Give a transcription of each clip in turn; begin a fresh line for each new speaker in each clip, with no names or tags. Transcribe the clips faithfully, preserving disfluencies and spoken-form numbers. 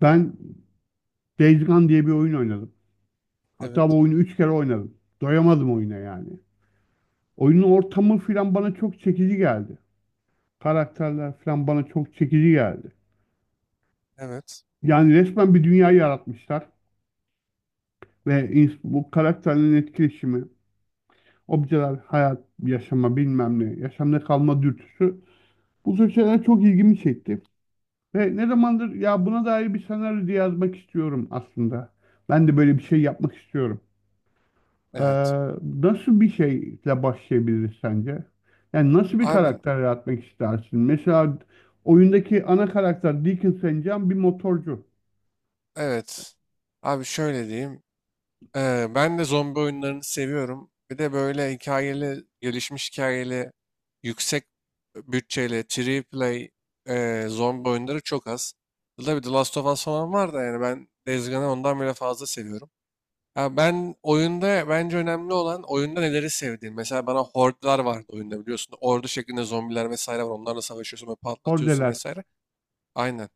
Ben Days Gone diye bir oyun oynadım. Hatta bu
Evet,
oyunu üç kere oynadım. Doyamadım oyuna yani. Oyunun ortamı filan bana çok çekici geldi. Karakterler filan bana çok çekici geldi.
evet,
Yani resmen bir dünya yaratmışlar ve ins- bu karakterlerin etkileşimi, objeler, hayat, yaşama bilmem ne, yaşamda kalma dürtüsü bu tür şeyler çok ilgimi çekti. Ve ne zamandır ya buna dair bir senaryo diye yazmak istiyorum aslında. Ben de böyle bir şey yapmak istiyorum. Ee,
evet.
nasıl bir şeyle başlayabiliriz sence? Yani nasıl bir
Abi,
karakter yaratmak istersin? Mesela oyundaki ana karakter Deacon sent John bir motorcu.
evet. Abi şöyle diyeyim. Ee, ben de zombi oyunlarını seviyorum. Bir de böyle hikayeli, gelişmiş hikayeli, yüksek bütçeli, triple play e, zombi oyunları çok az. Tabii The Last of Us falan var da yani ben Days Gone'ı ondan bile fazla seviyorum. Ya ben oyunda bence önemli olan oyunda neleri sevdiğin. Mesela bana hordlar vardı oyunda biliyorsun. Ordu şeklinde zombiler vesaire var. Onlarla savaşıyorsun ve patlatıyorsun
Kordeler.
vesaire. Aynen.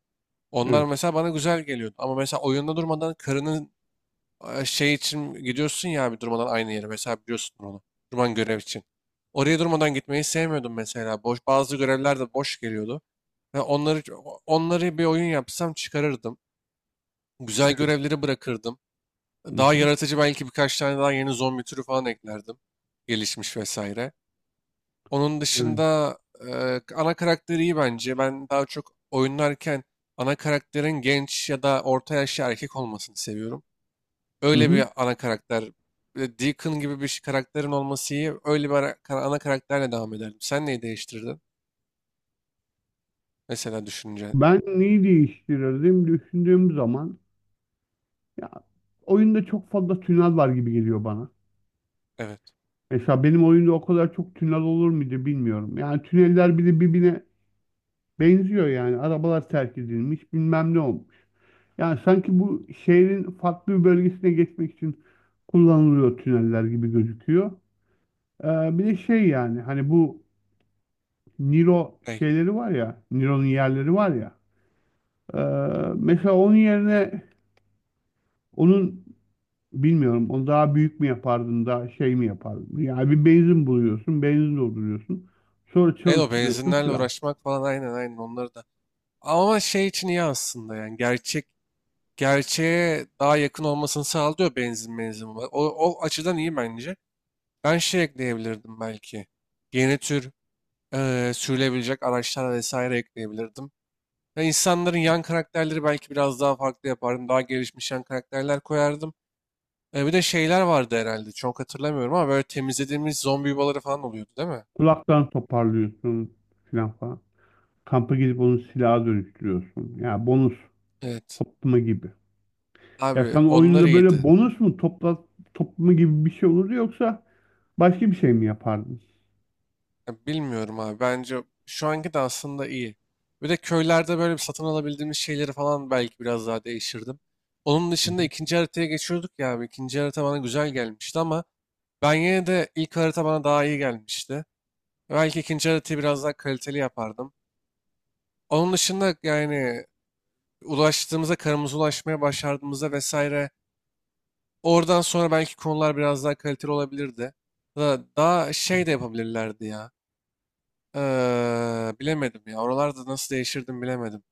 Onlar
Evet.
mesela bana güzel geliyordu. Ama mesela oyunda durmadan karının e, şey için gidiyorsun ya abi durmadan aynı yere. Mesela biliyorsun onu. Durman görev için. Oraya durmadan gitmeyi sevmiyordum mesela. Boş, bazı görevler de boş geliyordu. Ve onları onları bir oyun yapsam çıkarırdım. Güzel görevleri bırakırdım.
Hı
Daha
hı.
yaratıcı belki birkaç tane daha yeni zombi türü falan eklerdim. Gelişmiş vesaire. Onun
Evet.
dışında e, ana karakteri iyi bence. Ben daha çok oynarken ana karakterin genç ya da orta yaşlı erkek olmasını seviyorum.
Hı
Öyle
hı.
bir ana karakter. Bir de Deacon gibi bir şey- karakterin olması iyi. Öyle bir ara- kara- ana karakterle devam ederdim. Sen neyi değiştirirdin? Mesela düşünce.
Ben neyi değiştirirdim düşündüğüm zaman ya oyunda çok fazla tünel var gibi geliyor bana.
Evet.
Mesela benim oyunda o kadar çok tünel olur muydu bilmiyorum. Yani tüneller bir birbirine benziyor yani. Arabalar terk edilmiş, bilmem ne olmuş. Yani sanki bu şehrin farklı bir bölgesine geçmek için kullanılıyor tüneller gibi gözüküyor. Ee, bir de şey yani hani bu Niro
Ey.
şeyleri var ya, Niro'nun yerleri var ya. Ee, mesela onun yerine onun bilmiyorum onu daha büyük mü yapardın daha şey mi yapardın? Yani bir benzin buluyorsun, benzin dolduruyorsun. Sonra
Evet, o
çalıştırıyorsun
benzinlerle
filan.
uğraşmak falan aynen, aynen onları da. Ama şey için iyi aslında yani gerçek gerçeğe daha yakın olmasını sağlıyor benzin benzin. O, o açıdan iyi bence. Ben şey ekleyebilirdim belki. Yeni tür eee sürülebilecek araçlar vesaire ekleyebilirdim. Ve insanların yan karakterleri belki biraz daha farklı yapardım. Daha gelişmiş yan karakterler koyardım. E, bir de şeyler vardı herhalde. Çok hatırlamıyorum ama böyle temizlediğimiz zombi yuvaları falan oluyordu değil mi?
Kulaktan toparlıyorsun filan falan. Kampa gidip onu silaha dönüştürüyorsun. Yani bonus
Evet.
toplama gibi. Ya
Abi
sen
onlar
oyunda böyle
iyiydi.
bonus mu topla toplumu gibi bir şey olurdu yoksa başka bir şey mi yapardın?
Ya bilmiyorum abi. Bence şu anki de aslında iyi. Bir de köylerde böyle bir satın alabildiğimiz şeyleri falan belki biraz daha değiştirdim. Onun
Hı
dışında
hı.
ikinci haritaya geçiyorduk ya abi. İkinci harita bana güzel gelmişti ama Ben yine de ilk harita bana daha iyi gelmişti. Belki ikinci haritayı biraz daha kaliteli yapardım. Onun dışında yani ulaştığımızda, karımıza ulaşmaya başardığımızda vesaire, oradan sonra belki konular biraz daha kaliteli olabilirdi. Da, daha şey de yapabilirlerdi ya. Ee, bilemedim ya. Oralarda nasıl değişirdim bilemedim.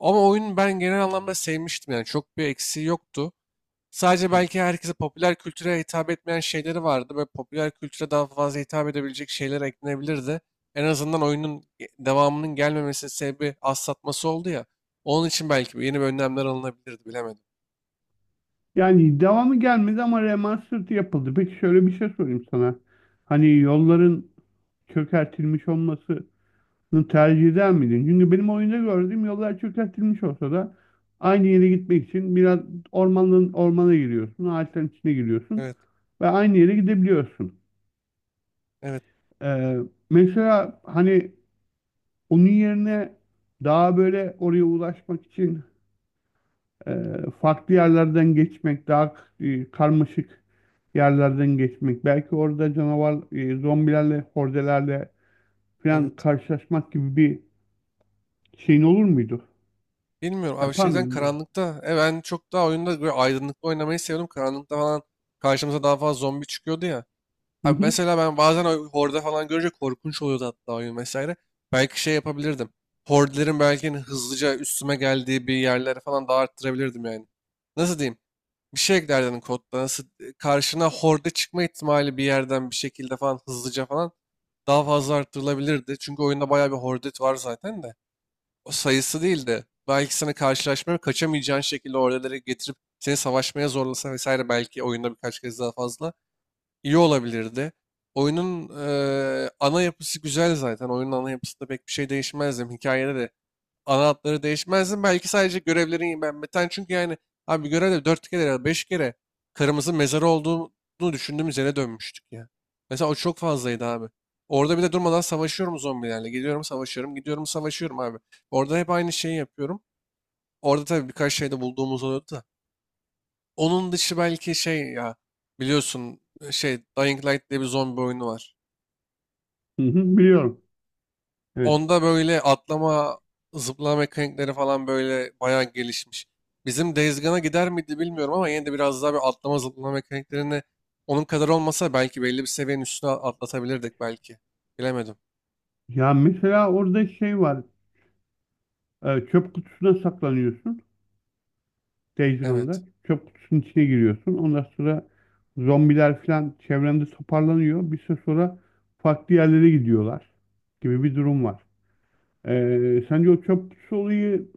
Ama oyun ben genel anlamda sevmiştim yani. Çok bir eksiği yoktu. Sadece belki herkese, popüler kültüre hitap etmeyen şeyleri vardı ve popüler kültüre daha fazla hitap edebilecek şeyler eklenebilirdi. En azından oyunun ge- devamının gelmemesi sebebi az satması oldu ya. Onun için belki yeni bir önlemler alınabilirdi, bilemedim.
Yani devamı gelmedi ama remastered yapıldı. Peki şöyle bir şey sorayım sana. Hani yolların çökertilmiş olmasını tercih eder miydin? Çünkü benim oyunda gördüğüm yollar çökertilmiş olsa da aynı yere gitmek için biraz ormanın ormana giriyorsun, ağaçların içine giriyorsun
Evet,
ve aynı yere gidebiliyorsun.
evet,
Ee, mesela hani onun yerine daha böyle oraya ulaşmak için e, farklı yerlerden geçmek, daha e, karmaşık yerlerden geçmek, belki orada canavar, e, zombilerle, hordelerle falan
evet.
karşılaşmak gibi bir şeyin olur muydu?
Bilmiyorum abi,
Yapar
şeyden
mıydım ben?
karanlıkta. E ben çok daha oyunda böyle aydınlıkta oynamayı seviyorum. Karanlıkta falan karşımıza daha fazla zombi çıkıyordu ya.
Hı
Abi
hı,
mesela ben bazen o horde falan görünce korkunç oluyordu hatta oyun vesaire. Belki şey yapabilirdim. Hordelerin belki hani hızlıca üstüme geldiği bir yerlere falan daha arttırabilirdim yani. Nasıl diyeyim? Bir şey eklerdim kodda. Nasıl, e, karşına horde çıkma ihtimali bir yerden bir şekilde falan hızlıca falan daha fazla arttırılabilirdi. Çünkü oyunda bayağı bir horde var zaten de. O sayısı değil de belki sana karşılaşmaya kaçamayacağın şekilde hordeleri getirip seni savaşmaya zorlasa vesaire, belki oyunda birkaç kez daha fazla iyi olabilirdi. Oyunun eee, ana yapısı güzel zaten. Oyunun ana yapısında pek bir şey değişmezdim. Hikayede de ana hatları değişmezdim. Belki sadece görevlerin yenilenmeden. Çünkü yani abi bir görevde dört kere ya da beş kere karımızın mezarı olduğunu düşündüğümüz yere dönmüştük ya. Mesela o çok fazlaydı abi. Orada bir de durmadan savaşıyorum zombilerle. Gidiyorum savaşıyorum, gidiyorum savaşıyorum abi. Orada hep aynı şeyi yapıyorum. Orada tabii birkaç şey de bulduğumuz oluyordu da. Onun dışı belki şey ya, biliyorsun e, şey, Dying Light diye bir zombi oyunu var.
hı hı, biliyorum. Evet.
Onda böyle atlama, zıplama mekanikleri falan böyle bayağı gelişmiş. Bizim Days Gone'a gider miydi bilmiyorum ama yine de biraz daha bir atlama zıplama mekaniklerini onun kadar olmasa belki belli bir seviyenin üstüne atlatabilirdik belki. Bilemedim.
Ya mesela orada şey var, e, çöp kutusuna saklanıyorsun. Dejane'da
Evet.
çöp kutusunun içine giriyorsun. Ondan sonra zombiler falan çevrende toparlanıyor. Bir süre sonra farklı yerlere gidiyorlar gibi bir durum var. Ee, sence o çöp kutusu olayı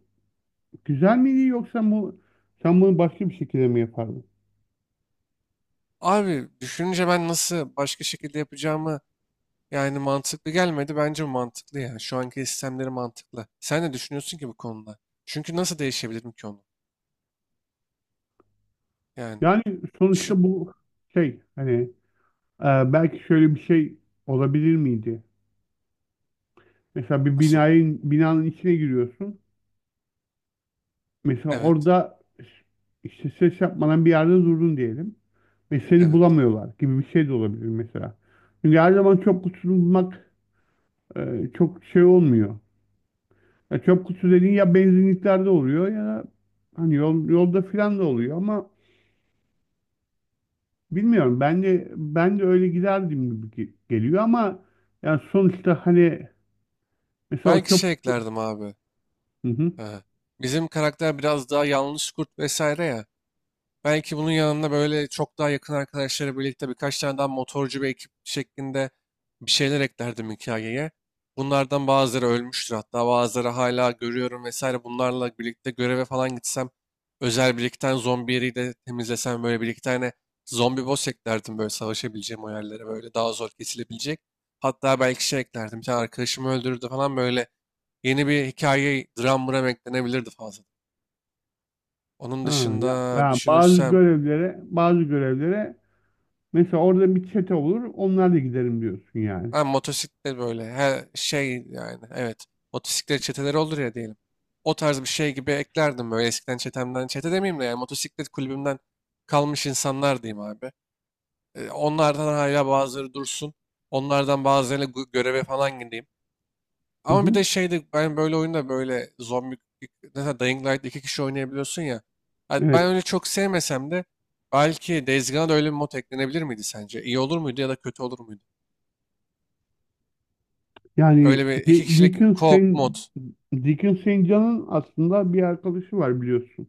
güzel miydi yoksa bu sen bunu başka bir şekilde mi yapardın?
Abi düşününce ben nasıl başka şekilde yapacağımı, yani mantıklı gelmedi. Bence mantıklı ya. Şu anki sistemleri mantıklı. Sen ne düşünüyorsun ki bu konuda? Çünkü nasıl değişebilirim ki onu? Yani
Yani sonuçta
düşün
bu şey hani e, belki şöyle bir şey olabilir miydi? Mesela bir
asıl.
binayın binanın içine giriyorsun. Mesela
Evet.
orada işte ses yapmadan bir yerde durdun diyelim. Ve seni
Evet.
bulamıyorlar gibi bir şey de olabilir mesela. Çünkü her zaman çöp kutusunu bulmak e, çok şey olmuyor. Ya çöp kutusu dediğin ya benzinliklerde oluyor ya da hani yol, yolda filan da oluyor ama bilmiyorum. Ben de ben de öyle giderdim gibi ge- geliyor ama yani sonuçta hani mesela o
Belki
çöp.
şey eklerdim abi.
Hı hı.
Ee, Bizim karakter biraz daha yanlış kurt vesaire ya. Belki bunun yanında böyle çok daha yakın arkadaşları birlikte birkaç tane daha motorcu bir ekip şeklinde bir şeyler eklerdim hikayeye. Bunlardan bazıları ölmüştür, hatta bazıları hala görüyorum vesaire. Bunlarla birlikte göreve falan gitsem, özel bir iki tane zombi yeri de temizlesem, böyle bir iki tane zombi boss eklerdim böyle savaşabileceğim o yerlere, böyle daha zor kesilebilecek. Hatta belki şey eklerdim, bir tane arkadaşımı öldürdü falan, böyle yeni bir hikaye dram mıram eklenebilirdi fazla. Onun
Ha,
dışında
ya, ya bazı
düşünürsem,
görevlere bazı görevlere mesela orada bir çete olur onlarla giderim diyorsun yani.
ha, motosiklet böyle, her şey yani evet. Motosiklet çeteleri olur ya diyelim. O tarz bir şey gibi eklerdim, böyle eskiden çetemden. Çete demeyeyim de yani motosiklet kulübümden kalmış insanlar diyeyim abi. E, onlardan hala bazıları dursun. Onlardan bazılarıyla gö- göreve falan gideyim.
Hı
Ama bir
hı.
de şeydi, ben böyle oyunda böyle zombi, mesela Dying Light iki kişi oynayabiliyorsun ya. Ha, ben
Evet.
öyle çok sevmesem de belki Days Gone'a da öyle bir mod eklenebilir miydi sence? İyi olur muydu ya da kötü olur muydu?
Yani
Öyle bir iki
Di-
kişilik
Dickens
co-op mod.
Deacon sent aslında bir arkadaşı var biliyorsun.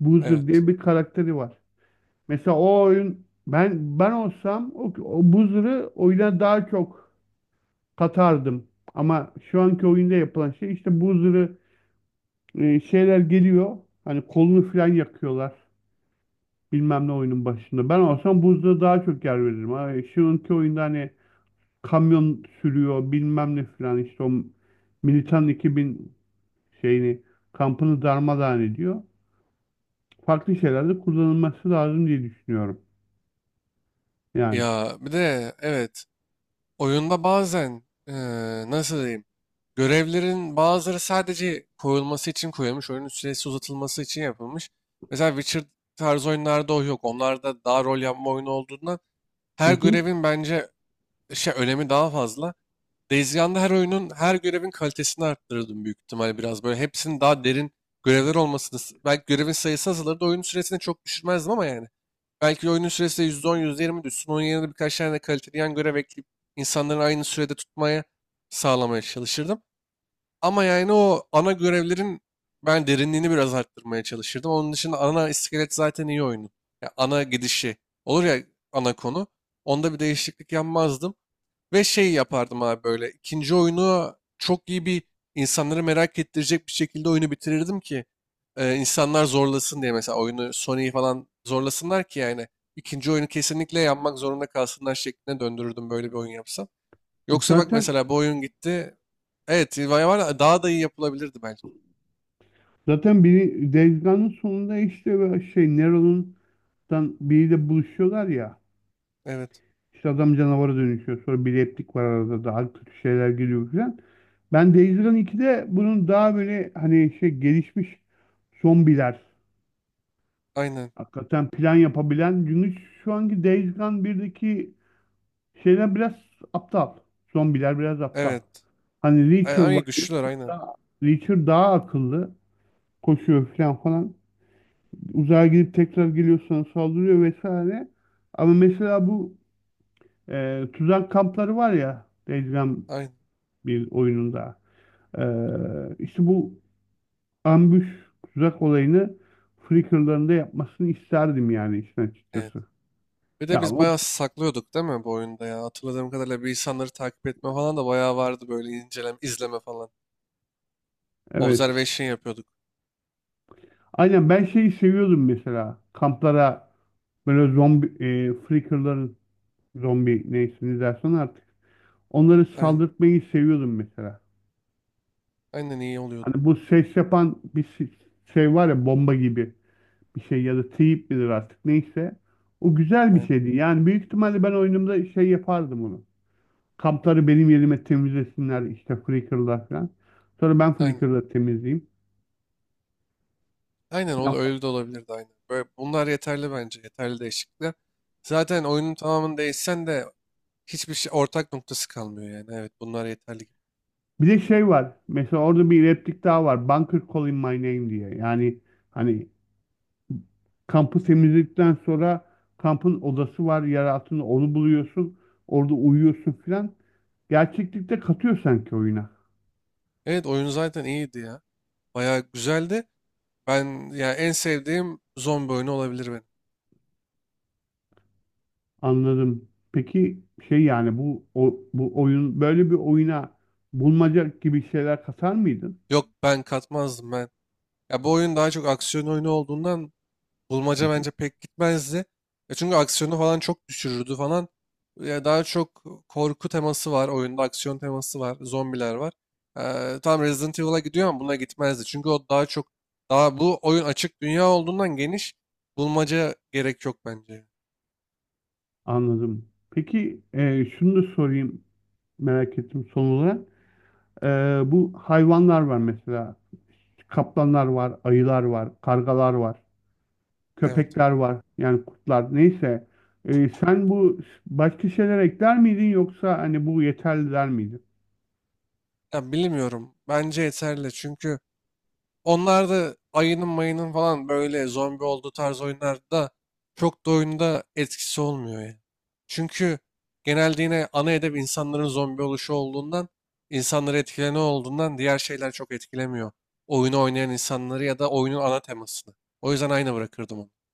Boozer
Evet.
diye bir karakteri var. Mesela o oyun ben ben olsam o, o Boozer'ı oyuna daha çok katardım. Ama şu anki oyunda yapılan şey işte Boozer'ı e, şeyler geliyor. Hani kolunu falan yakıyorlar. Bilmem ne oyunun başında. Ben olsam Boozer'a daha çok yer veririm. Ha, şu anki oyunda hani kamyon sürüyor bilmem ne falan işte o Militan iki bin şeyini kampını darmadağın ediyor. Farklı şeylerde kullanılması lazım diye düşünüyorum. Yani.
Ya bir de evet, oyunda bazen, eee, nasıl diyeyim, görevlerin bazıları sadece koyulması için koyulmuş. Oyunun süresi uzatılması için yapılmış. Mesela Witcher tarzı oyunlarda o yok. Onlarda daha rol yapma oyunu olduğundan
Hı
her
hı.
görevin bence şey, önemi daha fazla. Days Gone'da her oyunun her görevin kalitesini arttırırdım büyük ihtimal, biraz böyle hepsinin daha derin görevler olmasını, s- belki görevin sayısı azalırdı, oyunun süresini çok düşürmezdim ama yani belki oyunun süresi de yüzde on-yüzde yirmi düşsün. Onun yerine birkaç tane de kaliteli yan görev ekleyip insanların aynı sürede tutmaya, sağlamaya çalışırdım. Ama yani o ana görevlerin ben derinliğini biraz arttırmaya çalışırdım. Onun dışında ana iskelet zaten iyi oyunun. Ya ana gidişi olur ya, ana konu. Onda bir değişiklik yapmazdım. Ve şey yapardım abi, böyle ikinci oyunu çok iyi bir, insanları merak ettirecek bir şekilde oyunu bitirirdim ki, e, insanlar zorlasın diye, mesela oyunu, Sony'yi falan zorlasınlar ki yani ikinci oyunu kesinlikle yapmak zorunda kalsınlar şekline döndürürdüm, böyle bir oyun yapsam.
E,
Yoksa bak
Zaten
mesela, bu oyun gitti. Evet, vay var, daha da iyi yapılabilirdi belki.
zaten biri Days Gone'ın sonunda işte böyle şey Nero'nun dan biriyle buluşuyorlar ya.
Evet.
İşte adam canavara dönüşüyor. Sonra bir replik var arada daha kötü şeyler geliyor falan. Ben Days Gone ikide bunun daha böyle hani şey gelişmiş zombiler
Aynen.
hakikaten plan yapabilen çünkü şu anki Days Gone birdeki şeyler biraz aptal. Zombiler biraz aptal.
Evet.
Hani
Ay,
Reacher
ay
var.
güçlüler
Reacher
aynen.
daha, Reacher daha akıllı. Koşuyor falan falan. Uzağa gidip tekrar geliyor sana saldırıyor vesaire. Ama mesela bu e, tuzak kampları var ya Days Gone
Aynen.
bir oyununda. E, işte bu ambush tuzak olayını Flickr'larında yapmasını isterdim yani işin
Evet.
açıkçası.
Bir de
Ya
biz
o,
bayağı saklıyorduk değil mi bu oyunda ya? Hatırladığım kadarıyla bir insanları takip etme falan da bayağı vardı, böyle inceleme, izleme falan.
evet.
Observation yapıyorduk.
Aynen ben şeyi seviyordum mesela. Kamplara böyle zombi e, Flickr'ların zombi neyse ne dersen artık onları
Aynen.
saldırtmayı seviyordum mesela.
Aynen iyi oluyordu.
Hani bu ses yapan bir si- şey var ya bomba gibi bir şey ya da teyip midir artık neyse. O güzel bir
Aynen.
şeydi. Yani büyük ihtimalle ben oyunumda şey yapardım onu. Kampları benim yerime temizlesinler işte Flickr'lar falan. Sonra ben
Aynen.
Flickr'la temizleyeyim
Aynen ol-
falan.
öyle de olabilirdi aynen. Böyle bunlar yeterli bence. Yeterli değişiklikler. Zaten oyunun tamamını değişsen de hiçbir şey ortak noktası kalmıyor yani. Evet, bunlar yeterli gibi.
Bir de şey var. Mesela orada bir replik daha var. Bunker Calling My Name diye. Yani hani kampı temizledikten sonra kampın odası var yer altında onu buluyorsun. Orada uyuyorsun filan. Gerçeklikte katıyor sanki oyuna.
Evet, oyun zaten iyiydi ya. Bayağı güzeldi. Ben ya en sevdiğim zombi oyunu olabilir benim.
Anladım. Peki şey yani bu o- bu oyun böyle bir oyuna bulmaca gibi şeyler katar mıydın?
Yok, ben katmazdım ben. Ya bu oyun daha çok aksiyon oyunu olduğundan
Hı
bulmaca
hı.
bence pek gitmezdi. Ya çünkü aksiyonu falan çok düşürürdü falan. Ya daha çok korku teması var oyunda, aksiyon teması var, zombiler var. Ee, tam Resident Evil'a gidiyor ama buna gitmezdi. Çünkü o daha çok, daha bu oyun açık dünya olduğundan geniş bulmaca gerek yok bence.
Anladım. Peki e, şunu da sorayım merak ettim son olarak. E, bu hayvanlar var mesela. Kaplanlar var, ayılar var, kargalar var.
Evet.
Köpekler var. Yani kurtlar. Neyse. E, sen bu başka şeyler ekler miydin yoksa hani bu yeterli der miydin?
Ya bilmiyorum. Bence yeterli. Çünkü Onlar da ayının mayının falan böyle zombi olduğu tarz oyunlarda çok da oyunda etkisi olmuyor ya. Çünkü genelde yine ana hedef insanların zombi oluşu olduğundan, insanları etkilene olduğundan diğer şeyler çok etkilemiyor. Oyunu oynayan insanları ya da oyunun ana temasını. O yüzden aynı bırakırdım onu.